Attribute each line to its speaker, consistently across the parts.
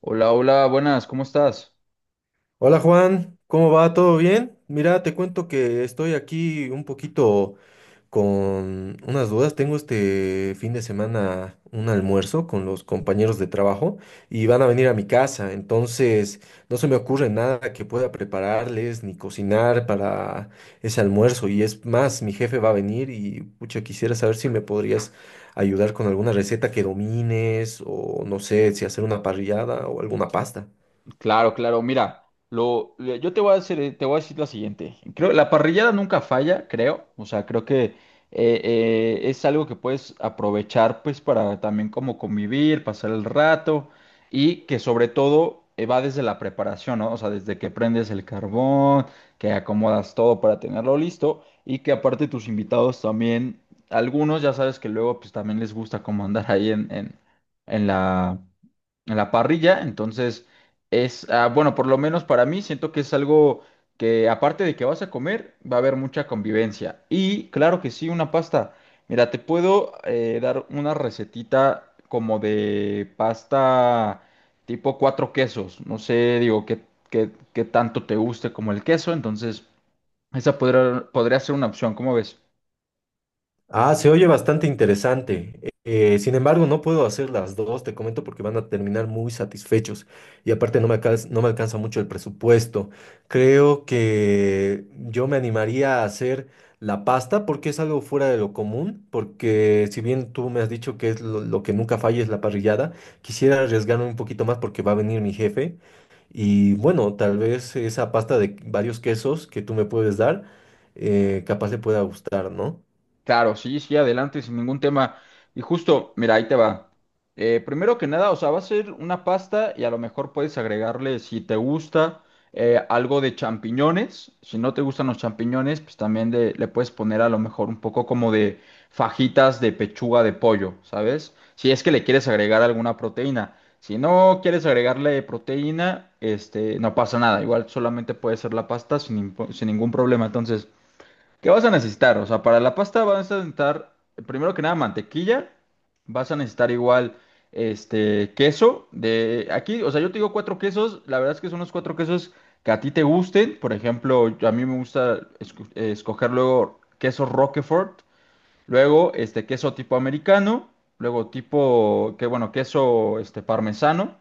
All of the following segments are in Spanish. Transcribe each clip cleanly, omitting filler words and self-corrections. Speaker 1: Hola, hola, buenas, ¿cómo estás?
Speaker 2: Hola Juan, ¿cómo va? ¿Todo bien? Mira, te cuento que estoy aquí un poquito con unas dudas. Tengo este fin de semana un almuerzo con los compañeros de trabajo y van a venir a mi casa. No se me ocurre nada que pueda prepararles ni cocinar para ese almuerzo. Y es más, mi jefe va a venir y pucha, quisiera saber si me podrías ayudar con alguna receta que domines o no sé, si hacer una parrillada o alguna pasta.
Speaker 1: Claro, claro, mira, yo te voy a hacer, te voy a decir la siguiente. Creo, la parrillada nunca falla, creo. O sea, creo que es algo que puedes aprovechar, pues, para también como convivir, pasar el rato y que sobre todo va desde la preparación, ¿no? O sea, desde que prendes el carbón, que acomodas todo para tenerlo listo y que aparte tus invitados también, algunos ya sabes que luego, pues, también les gusta como andar ahí en la en la parrilla. Entonces, bueno, por lo menos para mí, siento que es algo que aparte de que vas a comer, va a haber mucha convivencia. Y claro que sí, una pasta. Mira, te puedo dar una recetita como de pasta tipo cuatro quesos. No sé, digo, qué tanto te guste como el queso. Entonces, esa podría ser una opción. ¿Cómo ves?
Speaker 2: Ah, se oye bastante interesante. Sin embargo, no puedo hacer las dos, te comento, porque van a terminar muy satisfechos. Y aparte no me alcanza mucho el presupuesto. Creo que yo me animaría a hacer la pasta porque es algo fuera de lo común, porque si bien tú me has dicho que es lo que nunca falla es la parrillada, quisiera arriesgarme un poquito más porque va a venir mi jefe. Y bueno, tal vez esa pasta de varios quesos que tú me puedes dar, capaz le pueda gustar, ¿no?
Speaker 1: Claro, sí, sí, adelante, sin ningún tema. Y justo, mira, ahí te va. Primero que nada, o sea, va a ser una pasta y a lo mejor puedes agregarle, si te gusta, algo de champiñones. Si no te gustan los champiñones, pues también le puedes poner a lo mejor un poco como de fajitas de pechuga de pollo, ¿sabes? Si es que le quieres agregar alguna proteína. Si no quieres agregarle proteína, este, no pasa nada. Igual solamente puede ser la pasta sin ningún problema. Entonces. ¿Qué vas a necesitar? O sea, para la pasta vas a necesitar, primero que nada, mantequilla. Vas a necesitar igual, este, queso. De aquí, o sea, yo te digo cuatro quesos. La verdad es que son los cuatro quesos que a ti te gusten. Por ejemplo, a mí me gusta escoger luego queso Roquefort. Luego, este, queso tipo americano. Luego tipo, que bueno, queso, este, parmesano.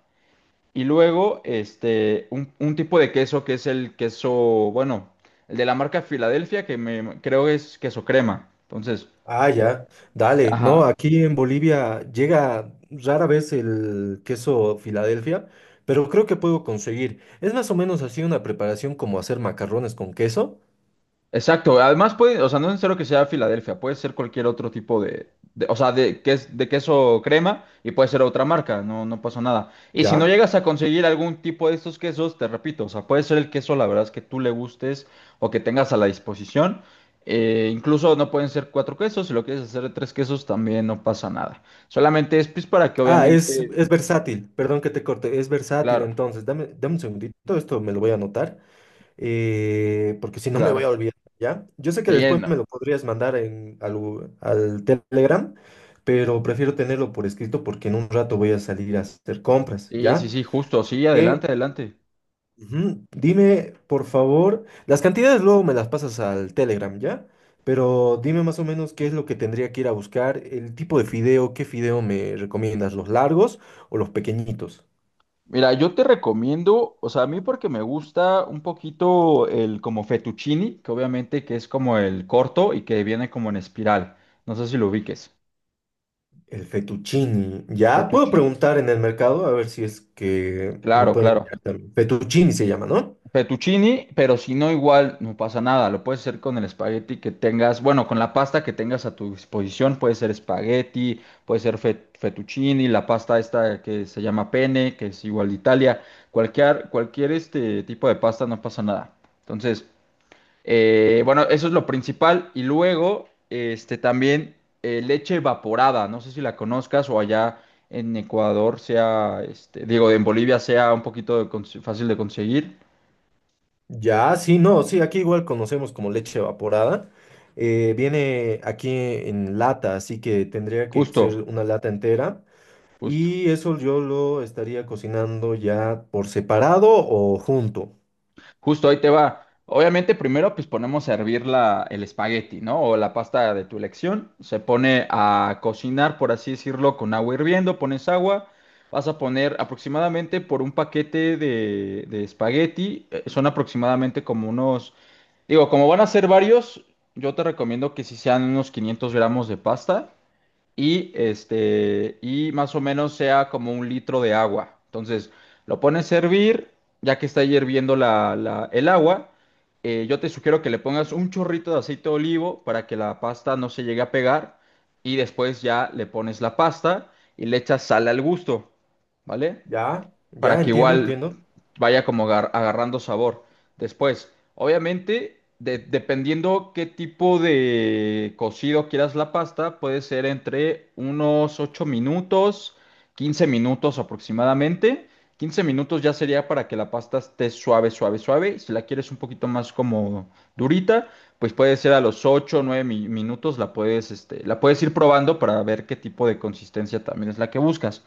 Speaker 1: Y luego, este, un tipo de queso que es el queso, bueno, el de la marca Filadelfia, que me creo que es queso crema. Entonces,
Speaker 2: Ah, ya, dale. No,
Speaker 1: ajá.
Speaker 2: aquí en Bolivia llega rara vez el queso Filadelfia, pero creo que puedo conseguir. Es más o menos así una preparación como hacer macarrones con queso,
Speaker 1: Exacto, además puede, o sea, no es necesario que sea Filadelfia, puede ser cualquier otro tipo o sea, de queso crema y puede ser otra marca, no, no pasa nada. Y si no
Speaker 2: ¿ya?
Speaker 1: llegas a conseguir algún tipo de estos quesos, te repito, o sea, puede ser el queso, la verdad es que tú le gustes o que tengas a la disposición. Incluso no pueden ser cuatro quesos, si lo quieres hacer de tres quesos también no pasa nada. Solamente es pues para que
Speaker 2: Ah, es,
Speaker 1: obviamente.
Speaker 2: es versátil, perdón que te corte, es versátil
Speaker 1: Claro,
Speaker 2: entonces. Dame un segundito, esto me lo voy a anotar, porque si no me voy a
Speaker 1: claro,
Speaker 2: olvidar, ¿ya? Yo sé que
Speaker 1: sí,
Speaker 2: después
Speaker 1: no,
Speaker 2: me lo podrías mandar al Telegram, pero prefiero tenerlo por escrito porque en un rato voy a salir a hacer compras,
Speaker 1: sí, sí,
Speaker 2: ¿ya?
Speaker 1: sí, justo, sí,
Speaker 2: que
Speaker 1: adelante, adelante.
Speaker 2: Ujú. Dime, por favor, las cantidades luego me las pasas al Telegram, ¿ya? Pero dime más o menos qué es lo que tendría que ir a buscar, el tipo de fideo, qué fideo me recomiendas, los largos o los pequeñitos.
Speaker 1: Mira, yo te recomiendo, o sea, a mí porque me gusta un poquito el como fettuccini, que obviamente que es como el corto y que viene como en espiral. No sé si lo ubiques.
Speaker 2: El fettuccini, ¿ya? Puedo
Speaker 1: Fettuccini.
Speaker 2: preguntar en el mercado a ver si es que me
Speaker 1: Claro,
Speaker 2: pueden
Speaker 1: claro.
Speaker 2: guiar también. Fettuccini se llama, ¿no?
Speaker 1: Fettuccini, pero si no, igual no pasa nada. Lo puedes hacer con el espagueti que tengas, bueno, con la pasta que tengas a tu disposición. Puede ser espagueti, puede ser fettuccini, la pasta esta que se llama pene, que es igual de Italia. Cualquier este tipo de pasta no pasa nada. Entonces. Bueno, eso es lo principal. Y luego, este, también leche evaporada. No sé si la conozcas o allá en Ecuador sea, este, digo, en Bolivia sea un poquito de fácil de conseguir.
Speaker 2: Ya, sí, no, sí, aquí igual conocemos como leche evaporada. Viene aquí en lata, así que tendría que ser
Speaker 1: Justo,
Speaker 2: una lata entera.
Speaker 1: justo.
Speaker 2: Y eso yo lo estaría cocinando ya por separado o junto.
Speaker 1: Justo ahí te va. Obviamente, primero pues ponemos a hervir el espagueti, ¿no? O la pasta de tu elección. Se pone a cocinar, por así decirlo, con agua hirviendo, pones agua. Vas a poner aproximadamente por un paquete de espagueti, son aproximadamente como unos, digo, como van a ser varios, yo te recomiendo que si sean unos 500 gramos de pasta y este y más o menos sea como un litro de agua. Entonces, lo pones a hervir, ya que está ahí hirviendo el agua, yo te sugiero que le pongas un chorrito de aceite de olivo para que la pasta no se llegue a pegar y después ya le pones la pasta y le echas sal al gusto, ¿vale?
Speaker 2: ¿Ya? ¿Ya?
Speaker 1: Para que
Speaker 2: Entiendo,
Speaker 1: igual
Speaker 2: entiendo.
Speaker 1: vaya como agarrando sabor. Después, obviamente, dependiendo qué tipo de cocido quieras la pasta, puede ser entre unos 8 minutos, 15 minutos aproximadamente. 15 minutos ya sería para que la pasta esté suave, suave, suave. Si la quieres un poquito más como durita, pues puede ser a los 8 o 9 minutos la puedes, este, la puedes ir probando para ver qué tipo de consistencia también es la que buscas.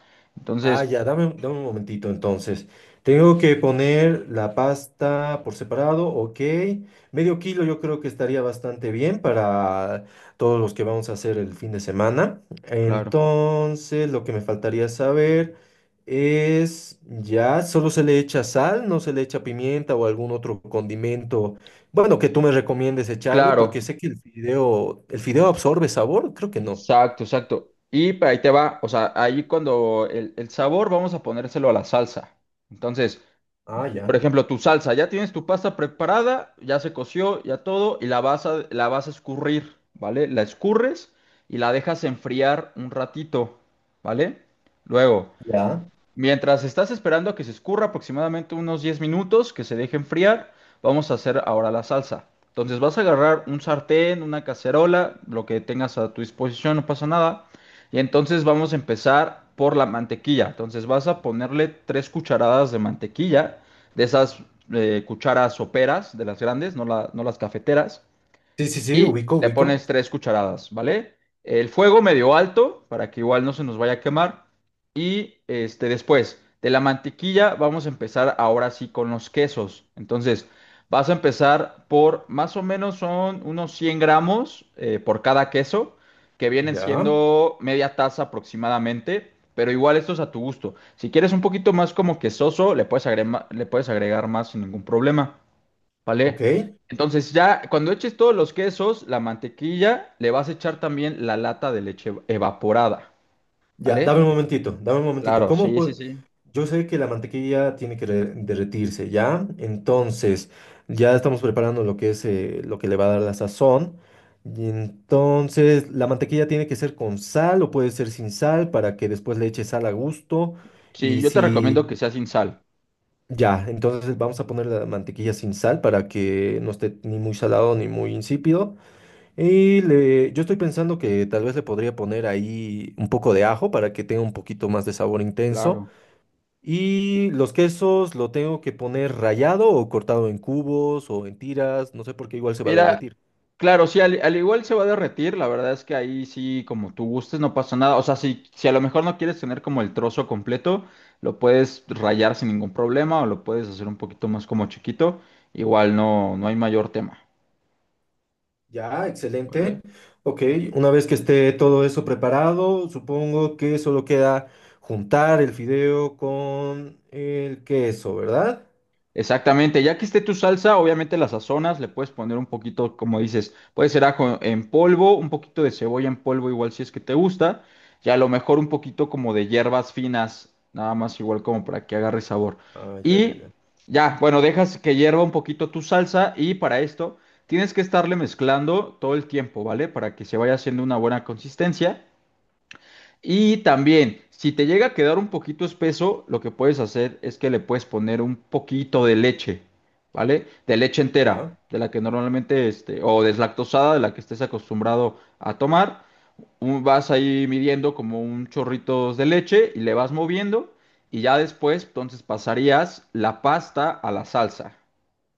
Speaker 2: Ah,
Speaker 1: Entonces,
Speaker 2: ya, dame un momentito entonces. Tengo que poner la pasta por separado, ok. Medio kilo yo creo que estaría bastante bien para todos los que vamos a hacer el fin de semana.
Speaker 1: claro.
Speaker 2: Entonces, lo que me faltaría saber es, ya, solo se le echa sal, no se le echa pimienta o algún otro condimento, bueno, que tú me recomiendes echarle,
Speaker 1: Claro,
Speaker 2: porque sé que el fideo absorbe sabor, creo que no.
Speaker 1: exacto, exacto. Y ahí te va, o sea, ahí cuando el sabor vamos a ponérselo a la salsa. Entonces,
Speaker 2: Ah,
Speaker 1: por
Speaker 2: ya,
Speaker 1: ejemplo, tu salsa, ya tienes tu pasta preparada, ya se coció, ya todo, y la vas a escurrir, ¿vale? La escurres y la dejas enfriar un ratito, ¿vale? Luego,
Speaker 2: ya.
Speaker 1: mientras estás esperando a que se escurra aproximadamente unos 10 minutos, que se deje enfriar, vamos a hacer ahora la salsa. Entonces vas a agarrar un sartén, una cacerola, lo que tengas a tu disposición, no pasa nada. Y entonces vamos a empezar por la mantequilla. Entonces vas a ponerle tres cucharadas de mantequilla, de esas cucharas soperas, de las grandes, no, no las cafeteras
Speaker 2: Sí, sí, sí,
Speaker 1: y
Speaker 2: ubico,
Speaker 1: le
Speaker 2: ubico.
Speaker 1: pones tres cucharadas, ¿vale? El fuego medio alto para que igual no se nos vaya a quemar. Y este, después de la mantequilla vamos a empezar ahora sí con los quesos. Entonces vas a empezar por más o menos son unos 100 gramos por cada queso, que vienen
Speaker 2: Ya,
Speaker 1: siendo media taza aproximadamente. Pero igual esto es a tu gusto. Si quieres un poquito más como quesoso, le puedes agregar más sin ningún problema.
Speaker 2: ok.
Speaker 1: ¿Vale? Entonces ya cuando eches todos los quesos, la mantequilla, le vas a echar también la lata de leche evaporada,
Speaker 2: Ya,
Speaker 1: ¿vale?
Speaker 2: dame un momentito, dame un momentito.
Speaker 1: Claro,
Speaker 2: ¿Cómo
Speaker 1: sí, sí,
Speaker 2: puedo?
Speaker 1: sí.
Speaker 2: Yo sé que la mantequilla tiene que derretirse, ¿ya? Entonces, ya estamos preparando lo que es lo que le va a dar la sazón. Y entonces, la mantequilla tiene que ser con sal o puede ser sin sal para que después le eche sal a gusto.
Speaker 1: Sí,
Speaker 2: Y
Speaker 1: yo te recomiendo
Speaker 2: si,
Speaker 1: que sea sin sal,
Speaker 2: ya, entonces vamos a poner la mantequilla sin sal para que no esté ni muy salado ni muy insípido. Y le, yo estoy pensando que tal vez le podría poner ahí un poco de ajo para que tenga un poquito más de sabor intenso.
Speaker 1: claro.
Speaker 2: Y los quesos lo tengo que poner rallado o cortado en cubos o en tiras, no sé por qué igual se va a
Speaker 1: Mira,
Speaker 2: derretir.
Speaker 1: claro, sí, al igual se va a derretir, la verdad es que ahí sí, como tú gustes, no pasa nada. O sea, si a lo mejor no quieres tener como el trozo completo, lo puedes rayar sin ningún problema o lo puedes hacer un poquito más como chiquito, igual no, no hay mayor tema,
Speaker 2: Ya, excelente.
Speaker 1: ¿vale?
Speaker 2: Ok, una vez que esté todo eso preparado, supongo que solo queda juntar el fideo con el queso, ¿verdad?
Speaker 1: Exactamente, ya que esté tu salsa, obviamente la sazonas, le puedes poner un poquito, como dices, puede ser ajo en polvo, un poquito de cebolla en polvo, igual si es que te gusta, y a lo mejor un poquito como de hierbas finas, nada más igual como para que agarre sabor.
Speaker 2: Ah, ya, ya,
Speaker 1: Y
Speaker 2: ya.
Speaker 1: ya, bueno, dejas que hierva un poquito tu salsa y para esto tienes que estarle mezclando todo el tiempo, ¿vale? Para que se vaya haciendo una buena consistencia. Y también, si te llega a quedar un poquito espeso, lo que puedes hacer es que le puedes poner un poquito de leche, ¿vale? De leche entera,
Speaker 2: Ya.
Speaker 1: de la que normalmente, este, o deslactosada, de la que estés acostumbrado a tomar. Vas ahí midiendo como un chorrito de leche y le vas moviendo y ya después, entonces pasarías la pasta a la salsa,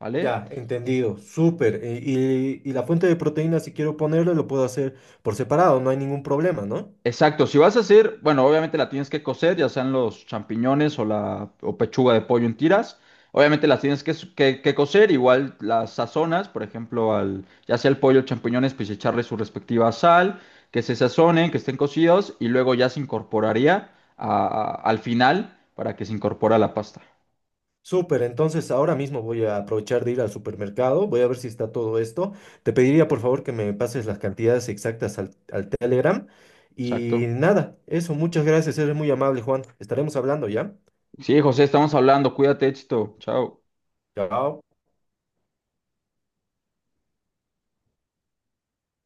Speaker 1: ¿vale?
Speaker 2: Ya, entendido, súper. Y la fuente de proteína, si quiero ponerle, lo puedo hacer por separado, no hay ningún problema, ¿no?
Speaker 1: Exacto, si vas a hacer, bueno, obviamente la tienes que cocer, ya sean los champiñones o pechuga de pollo en tiras. Obviamente las tienes que, cocer, igual las sazonas, por ejemplo, ya sea el pollo o champiñones, pues echarle su respectiva sal, que se sazonen, que estén cocidos y luego ya se incorporaría al final para que se incorpore la pasta.
Speaker 2: Súper, entonces ahora mismo voy a aprovechar de ir al supermercado, voy a ver si está todo esto. Te pediría por favor que me pases las cantidades exactas al Telegram. Y
Speaker 1: Exacto.
Speaker 2: nada, eso, muchas gracias, eres muy amable, Juan. Estaremos hablando, ¿ya?
Speaker 1: Sí, José, estamos hablando, cuídate, éxito, chao.
Speaker 2: Chao.